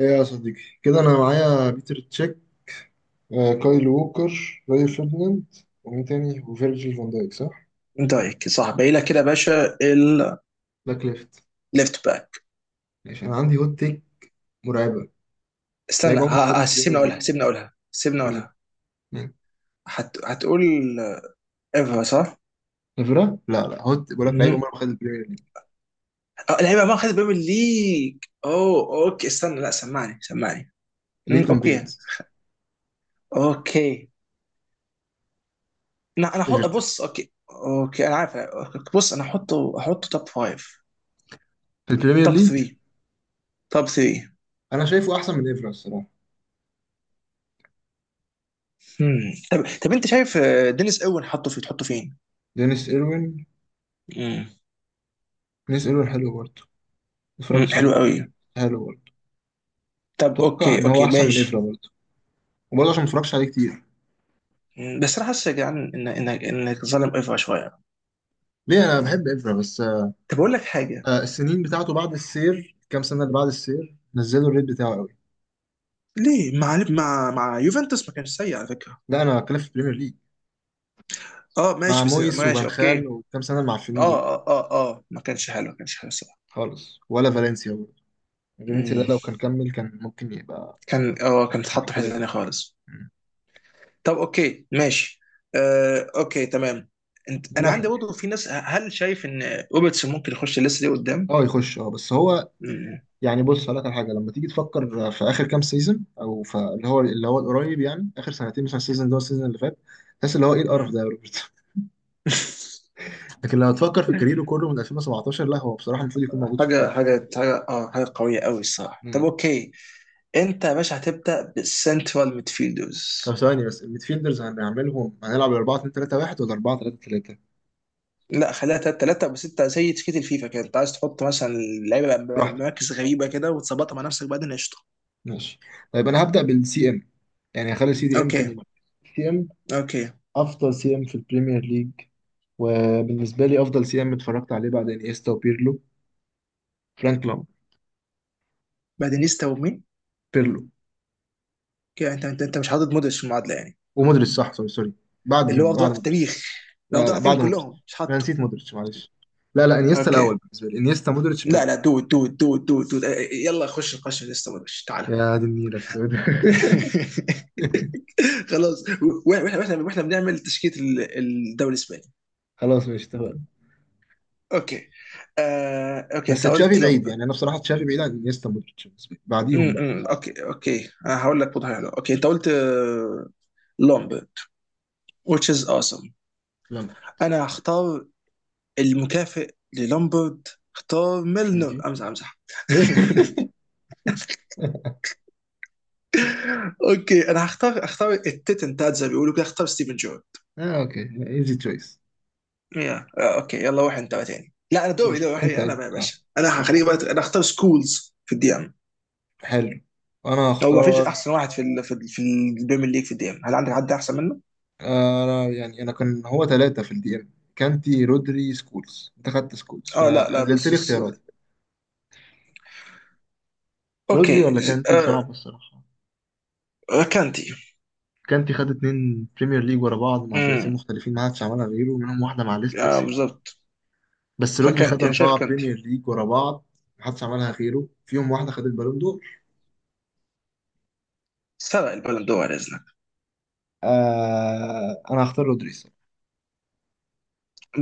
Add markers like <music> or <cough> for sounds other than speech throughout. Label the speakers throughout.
Speaker 1: ايه يا صديقي كده انا معايا بيتر تشيك، كايل ووكر، راي فيرديناند، ومين تاني؟ وفيرجيل فان دايك صح؟
Speaker 2: دايك صح، باقي لك كده يا باشا الليفت
Speaker 1: باك ليفت.
Speaker 2: باك.
Speaker 1: ماشي انا عندي هوت تيك مرعبه. لعيب عمره ما خد
Speaker 2: سيبني
Speaker 1: البريمير ليج.
Speaker 2: اقولها، سيبني اقولها سيبني
Speaker 1: مين؟
Speaker 2: اقولها
Speaker 1: مين؟
Speaker 2: هتقول ايفا صح؟
Speaker 1: نافيرا؟ لا لا، هوت بقول لك، لعيب
Speaker 2: مهم.
Speaker 1: عمره ما خد البريمير ليج.
Speaker 2: اه لعيبه ما خدت بريمير ليج. اوه اوكي استنى، لا سمعني سمعني.
Speaker 1: ليتون
Speaker 2: اوكي.
Speaker 1: بينز.
Speaker 2: اوكي انا احط،
Speaker 1: ايفرتون.
Speaker 2: بص اوكي اوكي انا عارف. بص انا احطه توب فايف.
Speaker 1: في البريمير
Speaker 2: توب
Speaker 1: ليج.
Speaker 2: 3. توب 3.
Speaker 1: انا شايفه احسن من ايفرا الصراحه.
Speaker 2: طب طب انت شايف دينيس اوين، حطه في تحطه فين؟
Speaker 1: دينيس ايروين.
Speaker 2: مم.
Speaker 1: دينيس ايروين حلو برضه. ما
Speaker 2: مم،
Speaker 1: اتفرجتش عليه
Speaker 2: حلو قوي.
Speaker 1: كتير. حلو برضه.
Speaker 2: طب
Speaker 1: اتوقع
Speaker 2: اوكي
Speaker 1: ان هو
Speaker 2: اوكي
Speaker 1: احسن من ايفرا
Speaker 2: ماشي.
Speaker 1: برضه، وبرضه عشان ما اتفرجتش عليه كتير.
Speaker 2: بس انا حاسس يا جدعان ان انك ظالم ايفا شويه.
Speaker 1: ليه؟ انا بحب ايفرا بس.
Speaker 2: طب اقول لك حاجه.
Speaker 1: السنين بتاعته بعد السير، كام سنة اللي بعد السير نزلوا الريت بتاعه قوي.
Speaker 2: ليه مع مع يوفنتوس ما كانش سيء على فكره.
Speaker 1: لا أنا بتكلم في البريمير ليج،
Speaker 2: اه
Speaker 1: مع
Speaker 2: ماشي بس
Speaker 1: مويس
Speaker 2: ماشي
Speaker 1: وفان خال،
Speaker 2: اوكي.
Speaker 1: وكام سنة
Speaker 2: اه
Speaker 1: المعفنين دول
Speaker 2: اه اه اه ما كانش حلو، ما كانش حلو الصراحه.
Speaker 1: خالص. ولا فالنسيا برضه. فالنسيا ده
Speaker 2: مم،
Speaker 1: لو كان كمل كان ممكن يبقى
Speaker 2: كان اه كان
Speaker 1: أحسن
Speaker 2: اتحط
Speaker 1: من
Speaker 2: في
Speaker 1: كده
Speaker 2: حته ثانيه
Speaker 1: بكتير.
Speaker 2: خالص.
Speaker 1: مم.
Speaker 2: طب اوكي ماشي. آه اوكي تمام. انا عندي
Speaker 1: محور.
Speaker 2: برضه في ناس، هل شايف ان روبرتسون ممكن يخش لسه دي قدام؟
Speaker 1: اه يخش، اه بس هو
Speaker 2: مم،
Speaker 1: يعني، بص هقول لك على حاجه، لما تيجي تفكر في اخر كام سيزون، او في اللي هو اللي هو القريب يعني، اخر سنتين مثلا، السيزون ده والسيزون اللي فات، تحس اللي هو ايه القرف
Speaker 2: مم.
Speaker 1: ده يا روبرت.
Speaker 2: <laughs>
Speaker 1: <laughs> لكن لو تفكر في كاريره كله من 2017، لا هو بصراحه المفروض يكون موجود في
Speaker 2: حاجه
Speaker 1: القائمه.
Speaker 2: حاجه حاجه اه حاجه قويه قوي الصراحه. طب
Speaker 1: مم.
Speaker 2: اوكي. انت يا باشا هتبدا بالسنترال
Speaker 1: طب
Speaker 2: ميدفيلدرز.
Speaker 1: ثواني بس، الميدفيلدرز هنعملهم هنلعب 4 2 3 1 ولا 4 3 3؟
Speaker 2: لا خليها تلاته تلاته، بس انت زي تشكيله الفيفا كده، انت عايز تحط مثلا لعيبه
Speaker 1: براحتك.
Speaker 2: مراكز غريبه كده وتظبطها مع نفسك بعدين قشطه.
Speaker 1: ماشي. طيب انا هبدأ بالسي ام، يعني هخلي سي دي ام تاني
Speaker 2: اوكي.
Speaker 1: مرة. سي ام.
Speaker 2: اوكي.
Speaker 1: افضل سي ام في البريمير ليج، وبالنسبة لي افضل سي ام اتفرجت عليه بعد انيستا وبيرلو، فرانك لام.
Speaker 2: بعدين يستا ومين؟
Speaker 1: بيرلو.
Speaker 2: كده انت انت مش حاطط مودريتش في المعادله يعني؟
Speaker 1: ومودريتش صح، سوري سوري.
Speaker 2: اللي
Speaker 1: بعدهم،
Speaker 2: هو افضل
Speaker 1: بعد
Speaker 2: واحد في
Speaker 1: مودريتش.
Speaker 2: التاريخ. لو
Speaker 1: لا لا،
Speaker 2: ضاع فيهم
Speaker 1: بعد مودريتش.
Speaker 2: كلهم مش
Speaker 1: انا
Speaker 2: حاطه.
Speaker 1: نسيت مودريتش، معلش. لا لا، انيستا الاول
Speaker 2: اوكي.
Speaker 1: بالنسبة لي، انيستا مودريتش
Speaker 2: لا
Speaker 1: بيرلو.
Speaker 2: لا دود دود دود دود دود اه، يلا خش نقاش لسه، مودريتش تعالى.
Speaker 1: يا دي النيلة السوداء.
Speaker 2: <laughs>
Speaker 1: <laughs>
Speaker 2: خلاص. واحنا واحنا بنعمل تشكيله الدوري الاسباني.
Speaker 1: خلاص ماشي اتفقنا.
Speaker 2: اوكي. اوكي
Speaker 1: بس
Speaker 2: انت
Speaker 1: تشافي
Speaker 2: قلت
Speaker 1: بعيد
Speaker 2: لامبر.
Speaker 1: يعني، انا بصراحه تشافي بعيد عن انيستا مودريتش بالنسبه لي، بعديهم بقى.
Speaker 2: اوكي اوكي انا هقول لك وضع حلو. اوكي انت قلت لومبرد. which is awesome.
Speaker 1: لامبرت.
Speaker 2: انا هختار المكافئ للومبرد. اختار ميلنر،
Speaker 1: إيجي.
Speaker 2: امزح امزح.
Speaker 1: <laughs>
Speaker 2: <laughs> اوكي انا اختار التتن بتاعت زي ما بيقولوا كده، اختار ستيفن جورد.
Speaker 1: اه اوكي، ايزي تشويس.
Speaker 2: يا اوكي يلا روح انت بقى تاني. لا انا دوري،
Speaker 1: ماشي.
Speaker 2: دوري واحد
Speaker 1: انت
Speaker 2: انا
Speaker 1: انت
Speaker 2: بقى يا
Speaker 1: اه،
Speaker 2: باشا، انا هخليك بقى
Speaker 1: المحور.
Speaker 2: انا هختار سكولز في الدي ام.
Speaker 1: حلو. انا
Speaker 2: هو ما فيش
Speaker 1: هختار،
Speaker 2: احسن واحد في في البريمير ليج في الدي ام، هل عندك حد احسن منه؟
Speaker 1: انا يعني انا كان هو 3 في الدي ام، كانتي رودري سكولز، انت خدت سكولز
Speaker 2: اه لا لا
Speaker 1: فقللت لي اختياراتي. رودري
Speaker 2: اوكي
Speaker 1: ولا كانتي صعب الصراحة.
Speaker 2: كانتي.
Speaker 1: كانتي خد 2 بريمير ليج ورا بعض مع فرقتين
Speaker 2: مم.
Speaker 1: مختلفين، ما حدش عملها غيره، منهم واحدة مع ليستر
Speaker 2: اه
Speaker 1: سيتي.
Speaker 2: بالظبط.
Speaker 1: بس رودري خد
Speaker 2: فكانتي، انا شايف
Speaker 1: أربعة
Speaker 2: كانتي.
Speaker 1: بريمير ليج ورا بعض، محدش عملها غيره، فيهم واحدة خد البالون دور.
Speaker 2: سرق البالون دور على اذنك.
Speaker 1: أنا هختار رودري الصراحة.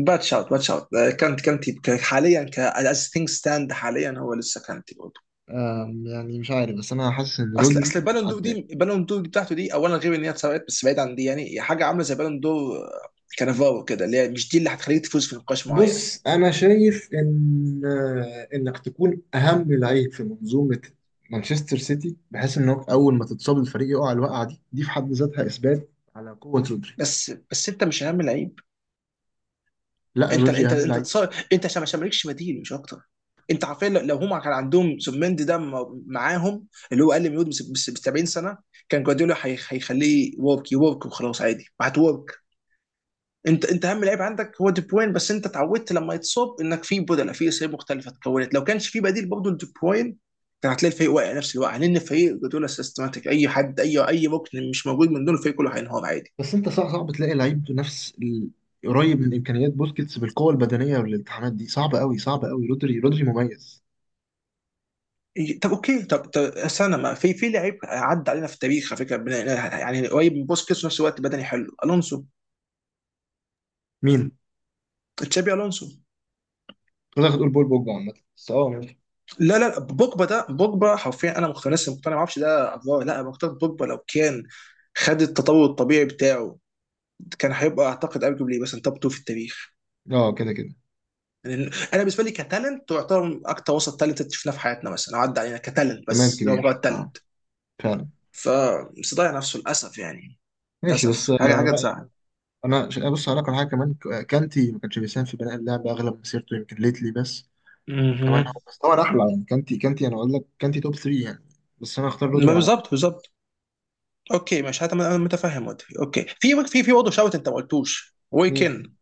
Speaker 2: باد شوت، باد شوت. كانتي حاليا، ك از ثينج ستاند حاليا، هو لسه كانتي برضه.
Speaker 1: يعني مش عارف بس أنا حاسس إن
Speaker 2: اصل
Speaker 1: رودري
Speaker 2: اصل البالون دور
Speaker 1: عداه.
Speaker 2: دي، البالون دور دي بتاعته دي، اولا غير ان هي اتسرقت، بس بعيد عن دي يعني هي حاجه عامله زي بالون دور كانافارو كده، اللي هي مش دي اللي هتخليك تفوز في نقاش معين.
Speaker 1: بص أنا شايف إن إنك تكون أهم لعيب في منظومة مانشستر سيتي، بحيث إنك أول ما تتصاب الفريق يقع، الوقعة دي في حد ذاتها إثبات على قوة رودري.
Speaker 2: بس انت مش اهم لعيب.
Speaker 1: لا
Speaker 2: انت
Speaker 1: رودري
Speaker 2: انت
Speaker 1: أهم
Speaker 2: انت
Speaker 1: لعيب.
Speaker 2: تص... انت عشان ما مالكش بديل مش اكتر. انت عارفين لو هم كان عندهم سومندي ده معاهم، اللي هو اقل من يود بس بس 70 سنه، كان جوارديولا هيخليه يورك يورك وخلاص عادي هتورك. انت اهم لعيب عندك هو دي بروين، بس انت اتعودت لما يتصاب انك في بدله في اسامي مختلفه اتكونت. لو كانش في بديل برضه لدي بروين كان هتلاقي الفريق واقع نفس الوقع، لان الفريق جوارديولا سيستماتيك، اي حد اي ركن مش موجود من دون الفريق كله هينهار عادي.
Speaker 1: بس انت صعب، صعب تلاقي لعيب قريب من امكانيات بوسكيتس، بالقوه البدنيه والالتحامات دي صعبه قوي صعبه قوي، رودري رودري مميز.
Speaker 2: إيه، طب اوكي، طب استنى، ما في لعيب عدى علينا في التاريخ على فكره، يعني قريب من بوسكيتس وفي نفس الوقت بدني حلو، الونسو.
Speaker 1: مين؟
Speaker 2: تشابي الونسو.
Speaker 1: كنت هتقول بول بوجبا عامه بس اه ماشي.
Speaker 2: لا لا لا، بوجبا ده، بوجبا حرفيا انا مقتنع، لسه مقتنع، ما اعرفش ده افوار، لا انا مقتنع بوجبا لو كان خد التطور الطبيعي بتاعه كان هيبقى اعتقد ارجوبلي مثلا توب 2 في التاريخ.
Speaker 1: اه كده كده.
Speaker 2: لأن انا بالنسبه لي كتالنت تعتبر اكتر وسط تالنت شفناه في حياتنا مثلا، أو عدى علينا كتالنت
Speaker 1: تمام
Speaker 2: بس اللي هو
Speaker 1: كبير
Speaker 2: مجرد
Speaker 1: اه،
Speaker 2: تالنت.
Speaker 1: فعلا.
Speaker 2: فمش ضيع نفسه للاسف يعني.
Speaker 1: ماشي بس
Speaker 2: للاسف حاجه حاجه
Speaker 1: لا،
Speaker 2: تزعل.
Speaker 1: بص هقول لك على حاجه كمان، كانتي ما كانش بيساهم في بناء اللعب اغلب مسيرته، يمكن ليتلي بس. كمان هو
Speaker 2: مهم.
Speaker 1: بس، طبعا احلى يعني، كانتي كانتي، انا اقول لك كانتي توب 3 يعني، بس انا اختار رودري
Speaker 2: ما
Speaker 1: على.
Speaker 2: بالظبط بالظبط. اوكي مش هتم... انا متفهم وجهي. اوكي في في برضه شوت، انت ما قلتوش
Speaker 1: مين؟
Speaker 2: ويكن.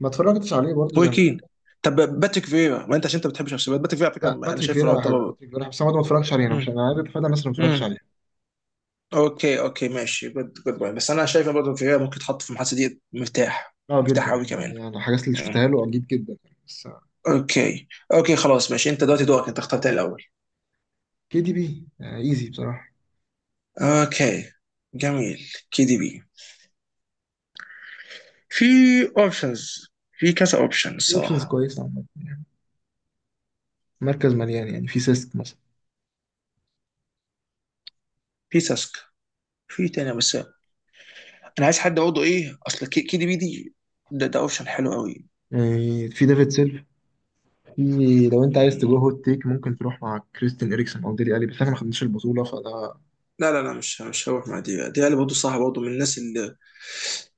Speaker 1: ما اتفرجتش عليه برضه زي ما.
Speaker 2: ويكين. طب باتريك فيرا، ما انت عشان انت بتحب شخصيات باتريك فيرا، على
Speaker 1: لا
Speaker 2: فكره انا
Speaker 1: باتريك
Speaker 2: شايف انه
Speaker 1: فيرا حلو،
Speaker 2: يعتبر.
Speaker 1: باتريك فيرا بس انا برضه ما اتفرجتش عليه، انا مش،
Speaker 2: امم.
Speaker 1: انا عارف فتى الناس اللي ما اتفرجتش
Speaker 2: امم.
Speaker 1: عليها.
Speaker 2: اوكي اوكي ماشي، جود جود بوينت، بس انا شايف ان برضه فيرا ممكن يتحط في المحادثه دي مرتاح.
Speaker 1: اه جدا
Speaker 2: مرتاح قوي كمان.
Speaker 1: يعني، انا الحاجات اللي شفتها
Speaker 2: مم.
Speaker 1: له اكيد جدا يعني بس.
Speaker 2: اوكي. اوكي خلاص ماشي، انت دلوقتي دورك، انت اخترت الاول.
Speaker 1: كي دي بي ايزي بصراحه.
Speaker 2: اوكي. جميل، كي دي بي. في اوبشنز، في كذا اوبشن
Speaker 1: في اوبشنز
Speaker 2: الصراحه.
Speaker 1: كويسه عامه يعني، مركز مليان، يعني في سيسك مثلا،
Speaker 2: في ساسكا، في تاني، بس انا عايز حد اقعده. ايه اصل كي دي بي دي ده، ده اوبشن حلو قوي.
Speaker 1: يعني في ديفيد سيلف، في، لو انت عايز تجو
Speaker 2: مم.
Speaker 1: هوت تيك ممكن تروح مع كريستين اريكسون او ديلي الي، بس انا ما خدناش البطوله فده.
Speaker 2: لا لا لا، مش مش هروح مع دي، دي اللي برضه صح، برضه من الناس اللي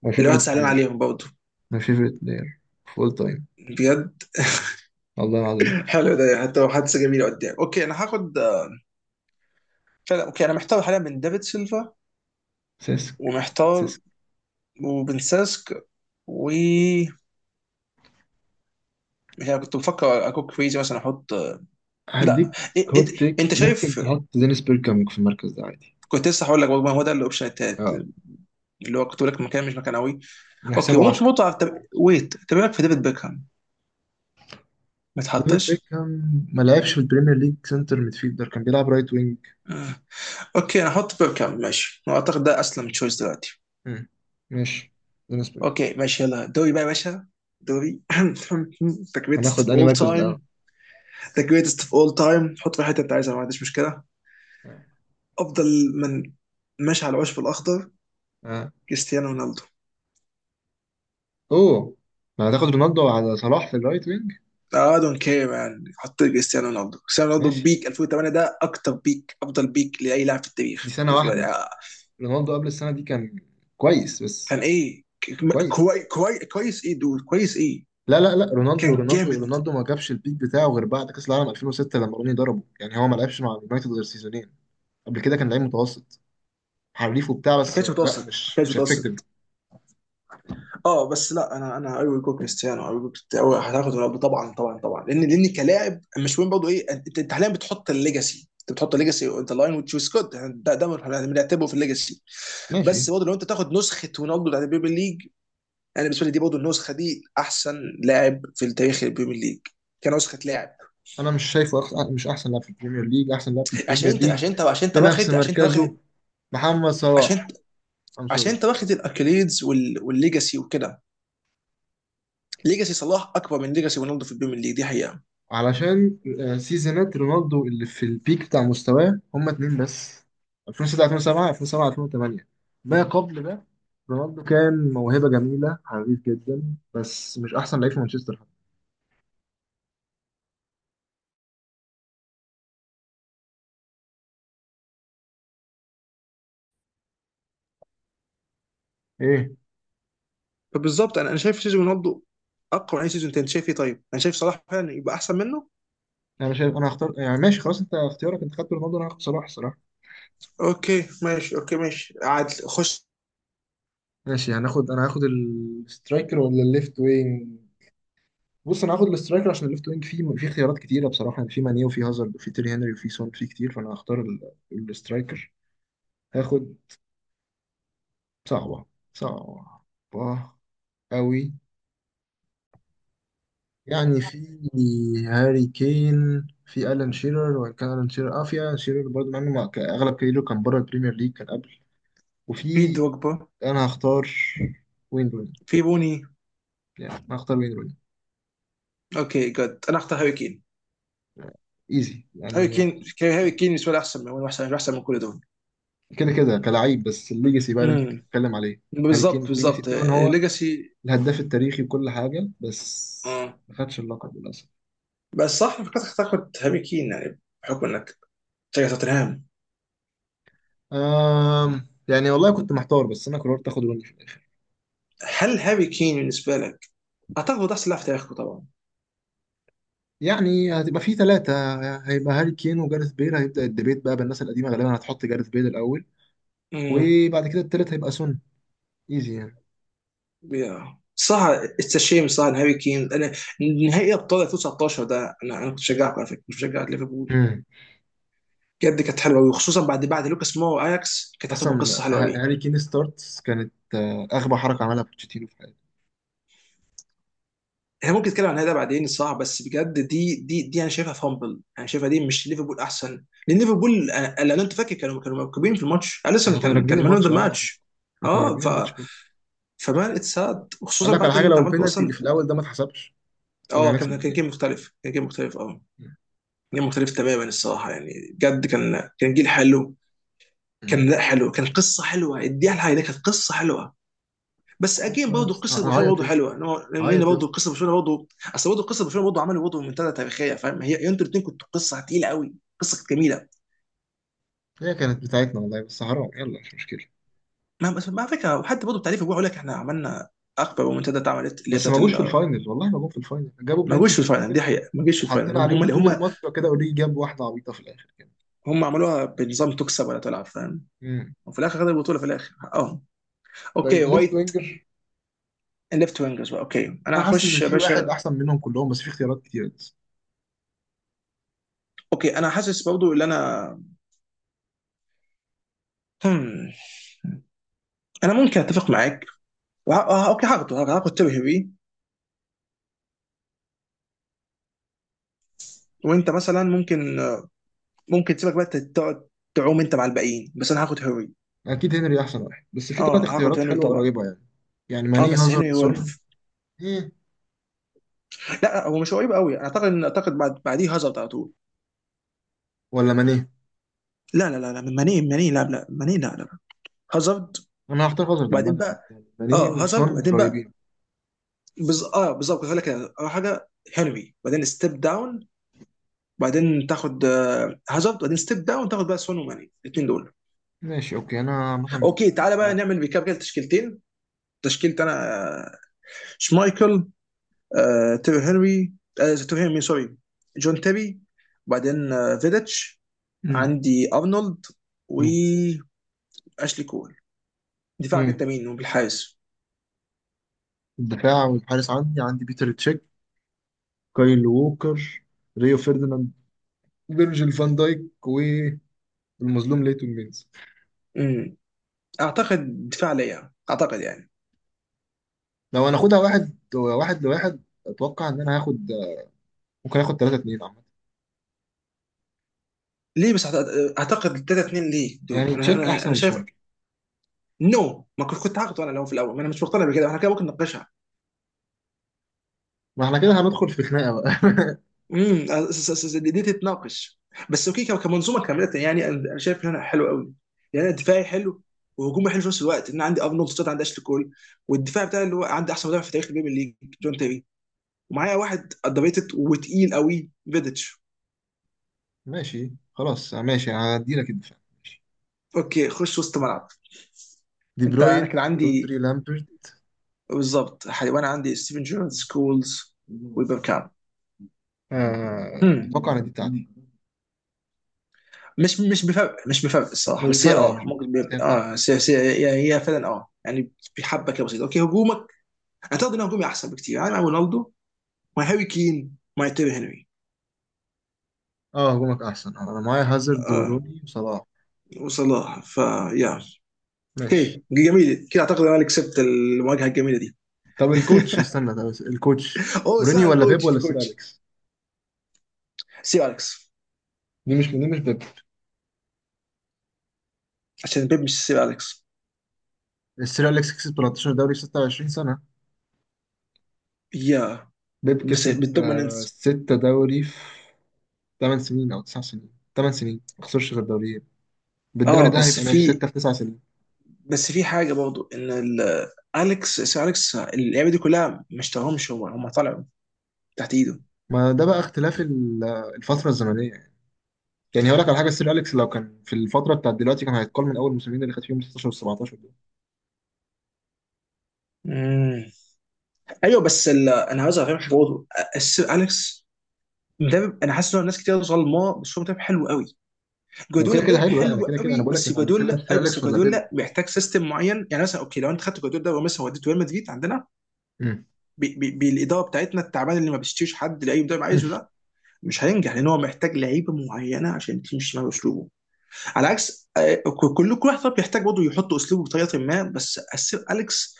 Speaker 1: ماي
Speaker 2: الواحد
Speaker 1: فيفرت
Speaker 2: زعلان
Speaker 1: بلاير.
Speaker 2: عليهم برضه.
Speaker 1: ماي فيفرت بلاير فول تايم،
Speaker 2: بجد؟
Speaker 1: والله العظيم.
Speaker 2: <laughs> حلو، ده يعني حتى لو حدث جميل قدام. اوكي انا هاخد، فعلا. اوكي انا محتار حاليا بين دافيد سيلفا،
Speaker 1: سيسك.
Speaker 2: ومحتار
Speaker 1: سيسك.
Speaker 2: وبن ساسك، و مش عارف، كنت بفكر اكون كريزي مثلا احط. لا.
Speaker 1: هديك.
Speaker 2: إيه
Speaker 1: هوت
Speaker 2: إيه.
Speaker 1: تيك،
Speaker 2: انت
Speaker 1: ممكن
Speaker 2: شايف؟
Speaker 1: تحط دينيس بيركامك في المركز ده عادي.
Speaker 2: كنت لسه هقول لك، برضه ما هو ده الاوبشن التالت،
Speaker 1: اه،
Speaker 2: اللي هو كنت بقول لك مكان مش مكان قوي. اوكي
Speaker 1: نحسبه
Speaker 2: وممكن
Speaker 1: 10.
Speaker 2: برضه طب ويت، طب إيه رايك في ديفيد بيكهام؟ ما
Speaker 1: ديفيد
Speaker 2: تحطش.
Speaker 1: بيكهام ما لعبش في البريمير ليج سنتر ميدفيلدر، كان بيلعب رايت وينج.
Speaker 2: آه. اوكي انا احط بيركام ماشي، اعتقد ده اسلم تشويس دلوقتي.
Speaker 1: مم. ماشي. بالنسبة لي،
Speaker 2: اوكي ماشي يلا دوري بقى يا باشا. دوري <laughs> <clears throat> the greatest of
Speaker 1: هناخد أنهي
Speaker 2: all
Speaker 1: مركز الأول؟
Speaker 2: time. the greatest of all time، حط في الحته اللي انت عايزها، ما عنديش مشكله.
Speaker 1: آه.
Speaker 2: افضل من، ماشي، على العشب الاخضر،
Speaker 1: آه.
Speaker 2: كريستيانو رونالدو.
Speaker 1: اوه، ما هتاخد رونالدو على صلاح في الرايت وينج!
Speaker 2: I don't care man، حط كريستيانو رونالدو، كريستيانو رونالدو
Speaker 1: ماشي،
Speaker 2: بيك 2008 ده اكتر بيك، افضل بيك لاي لاعب في
Speaker 1: بس دي
Speaker 2: التاريخ
Speaker 1: سنة
Speaker 2: بالنسبه لي.
Speaker 1: واحدة.
Speaker 2: آه.
Speaker 1: رونالدو قبل السنة دي كان كويس بس.
Speaker 2: كان ايه؟
Speaker 1: كويس.
Speaker 2: كويس ايه دول كويس ايه؟
Speaker 1: لا لا لا، رونالدو
Speaker 2: كان
Speaker 1: رونالدو
Speaker 2: جامد.
Speaker 1: رونالدو ما جابش البيك بتاعه غير بعد كأس العالم 2006 لما روني ضربه، يعني هو ما لعبش مع اليونايتد غير سيزونين. قبل كده كان لعيب متوسط، حريف وبتاع
Speaker 2: ما
Speaker 1: بس
Speaker 2: كانش
Speaker 1: لا،
Speaker 2: متوسط، ما
Speaker 1: مش
Speaker 2: كانش
Speaker 1: مش افكتيف.
Speaker 2: متوسط. اه بس لا انا ايوه جوك كريستيانو، ايوه جوك أيوة، هتاخد رونالدو طبعا طبعا طبعا، لان لان كلاعب مش مهم برضه ايه، انت حاليا بتحط الليجاسي، انت بتحط الليجاسي اون لاين وتشوز جود. ده بنعتبره في الليجاسي.
Speaker 1: ماشي.
Speaker 2: بس برضه لو انت تاخد نسخه رونالدو بتاعت البريمير ليج، انا بالنسبه لي دي برضه النسخه دي احسن لاعب في تاريخ البريمير ليج كنسخه لاعب.
Speaker 1: انا مش شايفه أخ... مش احسن لاعب في البريمير ليج، احسن لاعب في البريمير ليج بنفس
Speaker 2: عشان انت واخد،
Speaker 1: مركزه محمد
Speaker 2: عشان
Speaker 1: صلاح. ام
Speaker 2: عشان
Speaker 1: سوري.
Speaker 2: انت واخد الاكليدز والليجاسي وكده. ليجاسي صلاح اكبر من ليجاسي رونالدو في البريمير ليج، دي حقيقه.
Speaker 1: علشان سيزونات رونالدو اللي في البيك بتاع مستواه هما 2 بس، 2006 2007 2007 2008. ما قبل ده رونالدو كان موهبة جميلة حريف جدا، بس مش احسن لعيب في مانشستر حتى. ايه.
Speaker 2: فبالظبط، انا شايف سيزون رونالدو اقوى من اي سيزون تاني، انت شايف ايه؟ طيب انا شايف صلاح فعلا يبقى احسن منه.
Speaker 1: انا شايف، انا هختار يعني، ماشي خلاص انت اختيارك، انت خدت رونالدو انا هاخد صلاح الصراحة.
Speaker 2: اوكي ماشي، اوكي ماشي، عادل خش.
Speaker 1: ماشي. هناخد، انا هاخد السترايكر ولا الليفت وينج؟ بص انا هاخد الاسترايكر، عشان الليفت وينج فيه في اختيارات كتيره بصراحه، يعني في ماني وفي هازارد وفي تيري هنري وفي سون، في كتير، فانا هختار الاسترايكر. هاخد، صعبه، صعبه قوي، يعني في هاري كين، في الان شيرر، وان كان الان شيرر اه في الان شيرر برضه، مع انه اغلب كاريره كان بره البريمير ليج كان قبل،
Speaker 2: في
Speaker 1: وفي،
Speaker 2: دوجبا.
Speaker 1: انا هختار وين روني.
Speaker 2: في بوني.
Speaker 1: يعني انا هختار وين روني،
Speaker 2: اوكي جد انا اختار هاري كين.
Speaker 1: ايزي يعني.
Speaker 2: هاري كين بالنسبه لي احسن من، هو احسن، احسن من كل دول.
Speaker 1: كده كده كلاعب، بس الليجاسي بقى اللي انت
Speaker 2: امم.
Speaker 1: بتتكلم عليه. هاري كين
Speaker 2: بالظبط
Speaker 1: الليجاسي
Speaker 2: بالظبط.
Speaker 1: بتاعه ان هو
Speaker 2: ليجاسي.
Speaker 1: الهداف التاريخي وكل حاجة، بس
Speaker 2: اه
Speaker 1: ما خدش اللقب للأسف.
Speaker 2: بس صح، أنا فكرت تاخد هاري كين يعني بحكم انك تشجع توتنهام.
Speaker 1: آم يعني والله كنت محتار، بس أنا قررت آخد روني في الآخر.
Speaker 2: هل هاري كين بالنسبه لك، اعتقد هو ده احسن لاعب في تاريخه طبعا؟
Speaker 1: يعني هتبقى في 3، هيبقى هاري كين وجارث بيل، هيبدأ الديبيت بقى بالناس القديمة، غالبا هتحط جارث بيل الأول،
Speaker 2: امم.
Speaker 1: وبعد كده التالت هيبقى سون، إيزي يعني.
Speaker 2: يا صح. اتس شيم صح إن هاري كين، نهائي ابطال 2019 ده، انا كنت بشجعكم على فكره، مش بشجع ليفربول.
Speaker 1: مم.
Speaker 2: بجد، كانت حلوه قوي، وخصوصا بعد بعد لوكاس مو واياكس كانت هتبقى قصه حلوه قوي.
Speaker 1: هاري كين ستارتس كانت أغبى حركة عملها بوتشيتينو في حياته.
Speaker 2: احنا ممكن نتكلم عن هذا بعدين الصراحه، بس بجد دي انا شايفها فامبل، انا شايفها دي مش ليفربول احسن، لان ليفربول لان انت فاكر كانوا، كانوا مركبين في الماتش، اليسون
Speaker 1: احنا كنا راكبين
Speaker 2: كان مان اوف ذا
Speaker 1: الماتش اه احنا،
Speaker 2: ماتش.
Speaker 1: إحنا كنا
Speaker 2: اه
Speaker 1: راكبين
Speaker 2: ف
Speaker 1: الماتش كله.
Speaker 2: فمان اتساد،
Speaker 1: أقول
Speaker 2: وخصوصا
Speaker 1: لك على
Speaker 2: بعد
Speaker 1: حاجة،
Speaker 2: اللي
Speaker 1: لو
Speaker 2: انت عملته
Speaker 1: البينالتي اللي
Speaker 2: اصلا.
Speaker 1: في الأول ده ما اتحسبش، كنا
Speaker 2: اه
Speaker 1: هنكسب
Speaker 2: كان، كان
Speaker 1: الجيم.
Speaker 2: جيم مختلف، كان جيم مختلف اه. جيل مختلف تماما الصراحه، يعني بجد كان، كان جيل حلو.
Speaker 1: مم.
Speaker 2: كان لا حلو، كان قصه حلوه، اديها لها، ده كانت قصه حلوه. بس
Speaker 1: خلاص
Speaker 2: اجين
Speaker 1: بقى يا
Speaker 2: برضه
Speaker 1: اسطى،
Speaker 2: قصه برشلونه
Speaker 1: هعيط
Speaker 2: برضه
Speaker 1: يا اسطى،
Speaker 2: حلوه، ان هو لان
Speaker 1: هعيط يا
Speaker 2: برضه
Speaker 1: اسطى.
Speaker 2: قصه برشلونه برضه، اصل برضه قصه برشلونه برضه عملوا برضه منتدى تاريخيه، فاهم؟ هي انتوا الاثنين كنتوا قصه تقيله قوي، قصه كانت جميله.
Speaker 1: هي كانت بتاعتنا والله، بس حرام، يلا مش مشكله.
Speaker 2: ما على فكره، وحتى برضه التعريف بيقول لك احنا عملنا اكبر منتدى اتعملت اللي هي
Speaker 1: بس ما
Speaker 2: بتاعت
Speaker 1: جوش في الفاينل، والله ما جم في الفاينل، جابوا
Speaker 2: ما جوش
Speaker 1: بلنتي
Speaker 2: في
Speaker 1: في
Speaker 2: الفاينل، دي
Speaker 1: الاول،
Speaker 2: حقيقه، ما جوش في الفاينل،
Speaker 1: وحطينا
Speaker 2: هم
Speaker 1: عليهم
Speaker 2: اللي
Speaker 1: طول
Speaker 2: هم.
Speaker 1: الماتش كده، اوريجي جاب واحده عبيطه في الاخر كده.
Speaker 2: هم عملوها بنظام تكسب ولا تلعب، فاهم؟
Speaker 1: مم.
Speaker 2: وفي الاخر خدوا البطوله في الاخر اه.
Speaker 1: طيب
Speaker 2: اوكي
Speaker 1: الليفت
Speaker 2: وايت.
Speaker 1: وينجر.
Speaker 2: الليفت وينجرز بقى، اوكي
Speaker 1: انا
Speaker 2: انا
Speaker 1: حاسس ان
Speaker 2: هخش يا
Speaker 1: في واحد
Speaker 2: باشا.
Speaker 1: احسن منهم كلهم بس في اختيارات كتير بس.
Speaker 2: اوكي انا حاسس برضو ان انا، هم. انا ممكن اتفق معاك. وه... آه، اوكي هاخد تيري هيري. وانت مثلا ممكن، ممكن تسيبك بقى تقعد تعوم انت مع الباقيين، بس انا هاخد هيري.
Speaker 1: اكيد هنري احسن واحد، بس في ثلاث
Speaker 2: اه هاخد
Speaker 1: اختيارات
Speaker 2: هنري
Speaker 1: حلوه
Speaker 2: طبعا.
Speaker 1: قريبه يعني. يعني
Speaker 2: اه
Speaker 1: ماني
Speaker 2: بس هنري
Speaker 1: هازارد
Speaker 2: هو
Speaker 1: سون. ايه.
Speaker 2: لا هو مش قريب قوي، انا اعتقد ان، اعتقد بعد بعديه هازارد على طول.
Speaker 1: ولا ماني.
Speaker 2: لا لا لا لا ماني ماني لا لا ماني لا لا هازارد
Speaker 1: انا هختار هازارد
Speaker 2: وبعدين
Speaker 1: عامه.
Speaker 2: بقى.
Speaker 1: ماني
Speaker 2: اه هازارد
Speaker 1: وسون
Speaker 2: وبعدين بقى،
Speaker 1: قريبين.
Speaker 2: اه بالظبط كنت هقول لك كده. اول حاجه هنري، بعدين ستيب داون بعدين تاخد هازارد، بعدين ستيب داون تاخد بقى سون وماني الاثنين دول.
Speaker 1: ماشي اوكي، انا مثلا.
Speaker 2: اوكي تعالى بقى
Speaker 1: معاك.
Speaker 2: نعمل ريكاب كده تشكيلتين. تشكيلة انا، آه، شمايكل، آه، تيري هنري تيري هنري، مين سوري؟ جون تيري. وبعدين فيديتش.
Speaker 1: مم.
Speaker 2: عندي ارنولد،
Speaker 1: مم.
Speaker 2: واشلي كول. دفاعك
Speaker 1: مم.
Speaker 2: انت مين وبالحارس؟
Speaker 1: الدفاع والحارس، عندي، عندي بيتر تشيك، كايل ووكر، ريو فيرديناند، فيرجيل فان دايك، والمظلوم ليتون مينز.
Speaker 2: امم، اعتقد دفاع ليا اعتقد يعني.
Speaker 1: لو هناخدها واحد واحد لواحد، اتوقع ان انا هاخد، ممكن اخد 3 2 عامه،
Speaker 2: ليه بس اعتقد 3 2 ليه دود؟
Speaker 1: يعني
Speaker 2: انا
Speaker 1: تشيك
Speaker 2: انا
Speaker 1: احسن
Speaker 2: انا
Speaker 1: من
Speaker 2: شايف،
Speaker 1: شمايكل.
Speaker 2: نو، ما كنت كنت هاخده انا لو في الاول، ما انا مش مقتنع بكده، احنا كده ممكن نناقشها.
Speaker 1: ما احنا كده هندخل في خناقه بقى. <laughs>
Speaker 2: امم، دي دي تتناقش. بس اوكي، كمنظومه كامله يعني انا، أنا شايف ان انا حلو قوي، يعني انا دفاعي حلو، وهجومي حلو في نفس الوقت، ان انا عندي ارنولد ستات، عندي اشلي كول، والدفاع بتاعي اللي هو عندي احسن مدافع في تاريخ البريمير ليج جون تيري، ومعايا واحد اندريتد وتقيل قوي فيديتش.
Speaker 1: ماشي خلاص ماشي، هدي لك الدفاع ماشي.
Speaker 2: اوكي خش وسط ملعب.
Speaker 1: دي
Speaker 2: انت
Speaker 1: بروين،
Speaker 2: انا كان
Speaker 1: رودري،
Speaker 2: عندي،
Speaker 1: لامبرت.
Speaker 2: بالظبط وانا عندي ستيفن جيرارد، سكولز، وبيبكام. هم.
Speaker 1: اتوقع ان دي بتاعتي.
Speaker 2: مش بفرق، مش بفرق الصراحه،
Speaker 1: مش
Speaker 2: بس هي
Speaker 1: فارقه، مش،
Speaker 2: اه ممكن
Speaker 1: بس هي
Speaker 2: بيبقى.
Speaker 1: بتاعتي.
Speaker 2: اه بس هي هي فعلا اه يعني، بحبه كده بسيطه. اوكي هجومك، اعتقد ان هجومي احسن بكتير، يعني مع رونالدو، مع هاري كين، مع تيري هنري.
Speaker 1: اه هجومك احسن، انا معايا هازارد
Speaker 2: اه
Speaker 1: وروني وصلاح.
Speaker 2: وصلاح فيا.
Speaker 1: ماشي.
Speaker 2: اوكي جميل، كده اعتقد انا اللي كسبت المواجهه الجميله دي.
Speaker 1: طب الكوتش،
Speaker 2: <laughs>
Speaker 1: استنى طب الكوتش.
Speaker 2: اوه صح،
Speaker 1: مورينيو ولا بيب
Speaker 2: الكوتش
Speaker 1: ولا سير
Speaker 2: الكوتش.
Speaker 1: اليكس؟
Speaker 2: سير اليكس.
Speaker 1: دي مش بيب.
Speaker 2: عشان بيب مش سير اليكس.
Speaker 1: السير اليكس كسب 13 دوري في 26 سنه،
Speaker 2: يا،
Speaker 1: بيب
Speaker 2: بس
Speaker 1: كسب
Speaker 2: بالدوميننس.
Speaker 1: 6 دوري في 8 سنين او 9 سنين. 8 سنين ما خسرش غير دوريين،
Speaker 2: اه
Speaker 1: بالدوري ده
Speaker 2: بس
Speaker 1: هيبقى ماشي
Speaker 2: في،
Speaker 1: 6 في 9 سنين.
Speaker 2: بس في حاجه برضو ان اليكس، سير اليكس اللعيبه دي كلها ما اشتراهمش هو، هم طلعوا تحت ايده.
Speaker 1: ما ده بقى اختلاف الفتره الزمنيه يعني. يعني هقول لك على حاجه، السير اليكس لو كان في الفتره بتاعت دلوقتي كان هيتقال من اول الموسمين اللي خد فيهم 16 و17 دول.
Speaker 2: مم. ايوه بس انا عاوز افهمك حاجه برضه. السير اليكس مدرب، انا حاسس ان ناس كتير ظلماه، بس هو مدرب حلو قوي.
Speaker 1: هو كده
Speaker 2: جوارديولا
Speaker 1: كده
Speaker 2: مدرب
Speaker 1: حلو، لا انا
Speaker 2: حلو
Speaker 1: كده كده، انا
Speaker 2: قوي،
Speaker 1: بقول لك
Speaker 2: بس
Speaker 1: احنا هنتكلم
Speaker 2: جوارديولا،
Speaker 1: سير
Speaker 2: اي بس
Speaker 1: اليكس ولا بيب؟
Speaker 2: جوارديولا محتاج سيستم معين، يعني مثلا اوكي لو انت خدت جوارديولا ده ومثلا وديته ريال مدريد عندنا
Speaker 1: مم.
Speaker 2: بي بالاداره بتاعتنا التعبان اللي ما بيشتريش حد لاي مدرب عايزه، ده مش هينجح، لان هو محتاج لعيبه معينه عشان تمشي مع اسلوبه. على عكس كل واحد طبعا بيحتاج برضه يحط اسلوبه بطريقه ما، بس السير اليكس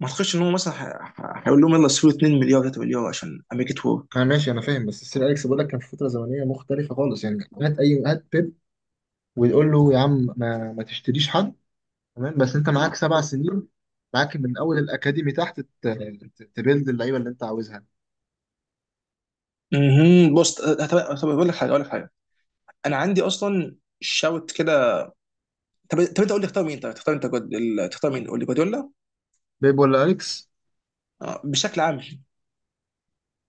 Speaker 2: ما اعتقدش ان هو مثلا هيقول لهم يلا اشتروا 2 مليار 3 مليار عشان امريكا ورك.
Speaker 1: ما ماشي انا فاهم، بس السير اليكس بقول لك كان في فتره زمنيه مختلفه خالص، يعني هات اي هات بيب ويقول له يا عم ما تشتريش حد. تمام بس انت معاك 7 سنين، معاك من اول الاكاديمي تحت تبيلد اللعيبه اللي انت عاوزها.
Speaker 2: بص طب طب اقول لك حاجه، اقول لك حاجه، انا عندي اصلا شوت كده. طب طب انت قول لي تختار مين؟ طيب تختار انت تختار مين قول لي، جوارديولا؟
Speaker 1: بيب ولا اليكس؟
Speaker 2: بشكل عام.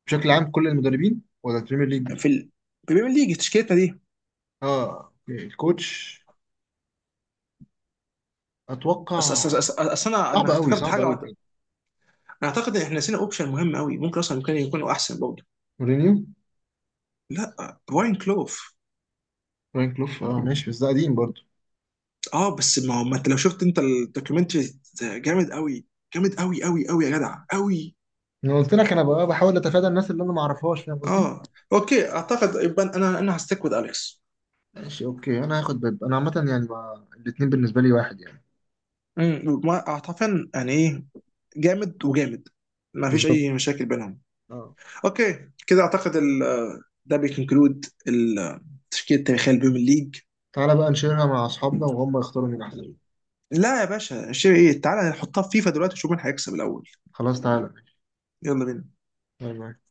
Speaker 1: بشكل عام كل المدربين ولا البريمير ليج؟
Speaker 2: في البريمير ليج، تشكيلتنا دي.
Speaker 1: اه أوكي. الكوتش،
Speaker 2: أص أص
Speaker 1: اتوقع،
Speaker 2: أص أص أص أنا
Speaker 1: صعب قوي
Speaker 2: افتكرت
Speaker 1: صعب
Speaker 2: حاجة
Speaker 1: قوي بجد.
Speaker 2: أنا أعتقد إن إحنا نسينا أوبشن مهم قوي، ممكن أصلا ممكن يكونوا أحسن برضه.
Speaker 1: مورينيو.
Speaker 2: لا، براين كلوف.
Speaker 1: فرانك كلوف، اه ماشي، بس ده قديم برضه.
Speaker 2: أه بس ما هو، ما أنت لو شفت أنت الدوكيومنتري ده جامد قوي، جامد قوي قوي قوي يا جدع قوي.
Speaker 1: انا قلت لك انا بقى بحاول اتفادى الناس اللي انا ما اعرفهاش، فاهم قصدي.
Speaker 2: أه أوكي، أعتقد يبقى أنا، أنا هستيك وذ أليكس.
Speaker 1: ماشي اوكي انا هاخد باب انا عامه، يعني ما الاتنين بالنسبه لي واحد يعني.
Speaker 2: أمم، أعتقد يعني إيه، جامد وجامد، ما فيش
Speaker 1: بالظبط.
Speaker 2: أي مشاكل بينهم.
Speaker 1: اه.
Speaker 2: اوكي كده اعتقد ده بيكونكلود التشكيله التاريخيه للبريمير ليج.
Speaker 1: تعالى بقى نشيرها مع اصحابنا وهم يختاروا مين احسن.
Speaker 2: لا يا باشا شيء ايه، تعالى نحطها في فيفا دلوقتي ونشوف مين هيكسب الاول.
Speaker 1: خلاص تعالى ماشي.
Speaker 2: يلا بينا.
Speaker 1: أنا معاك.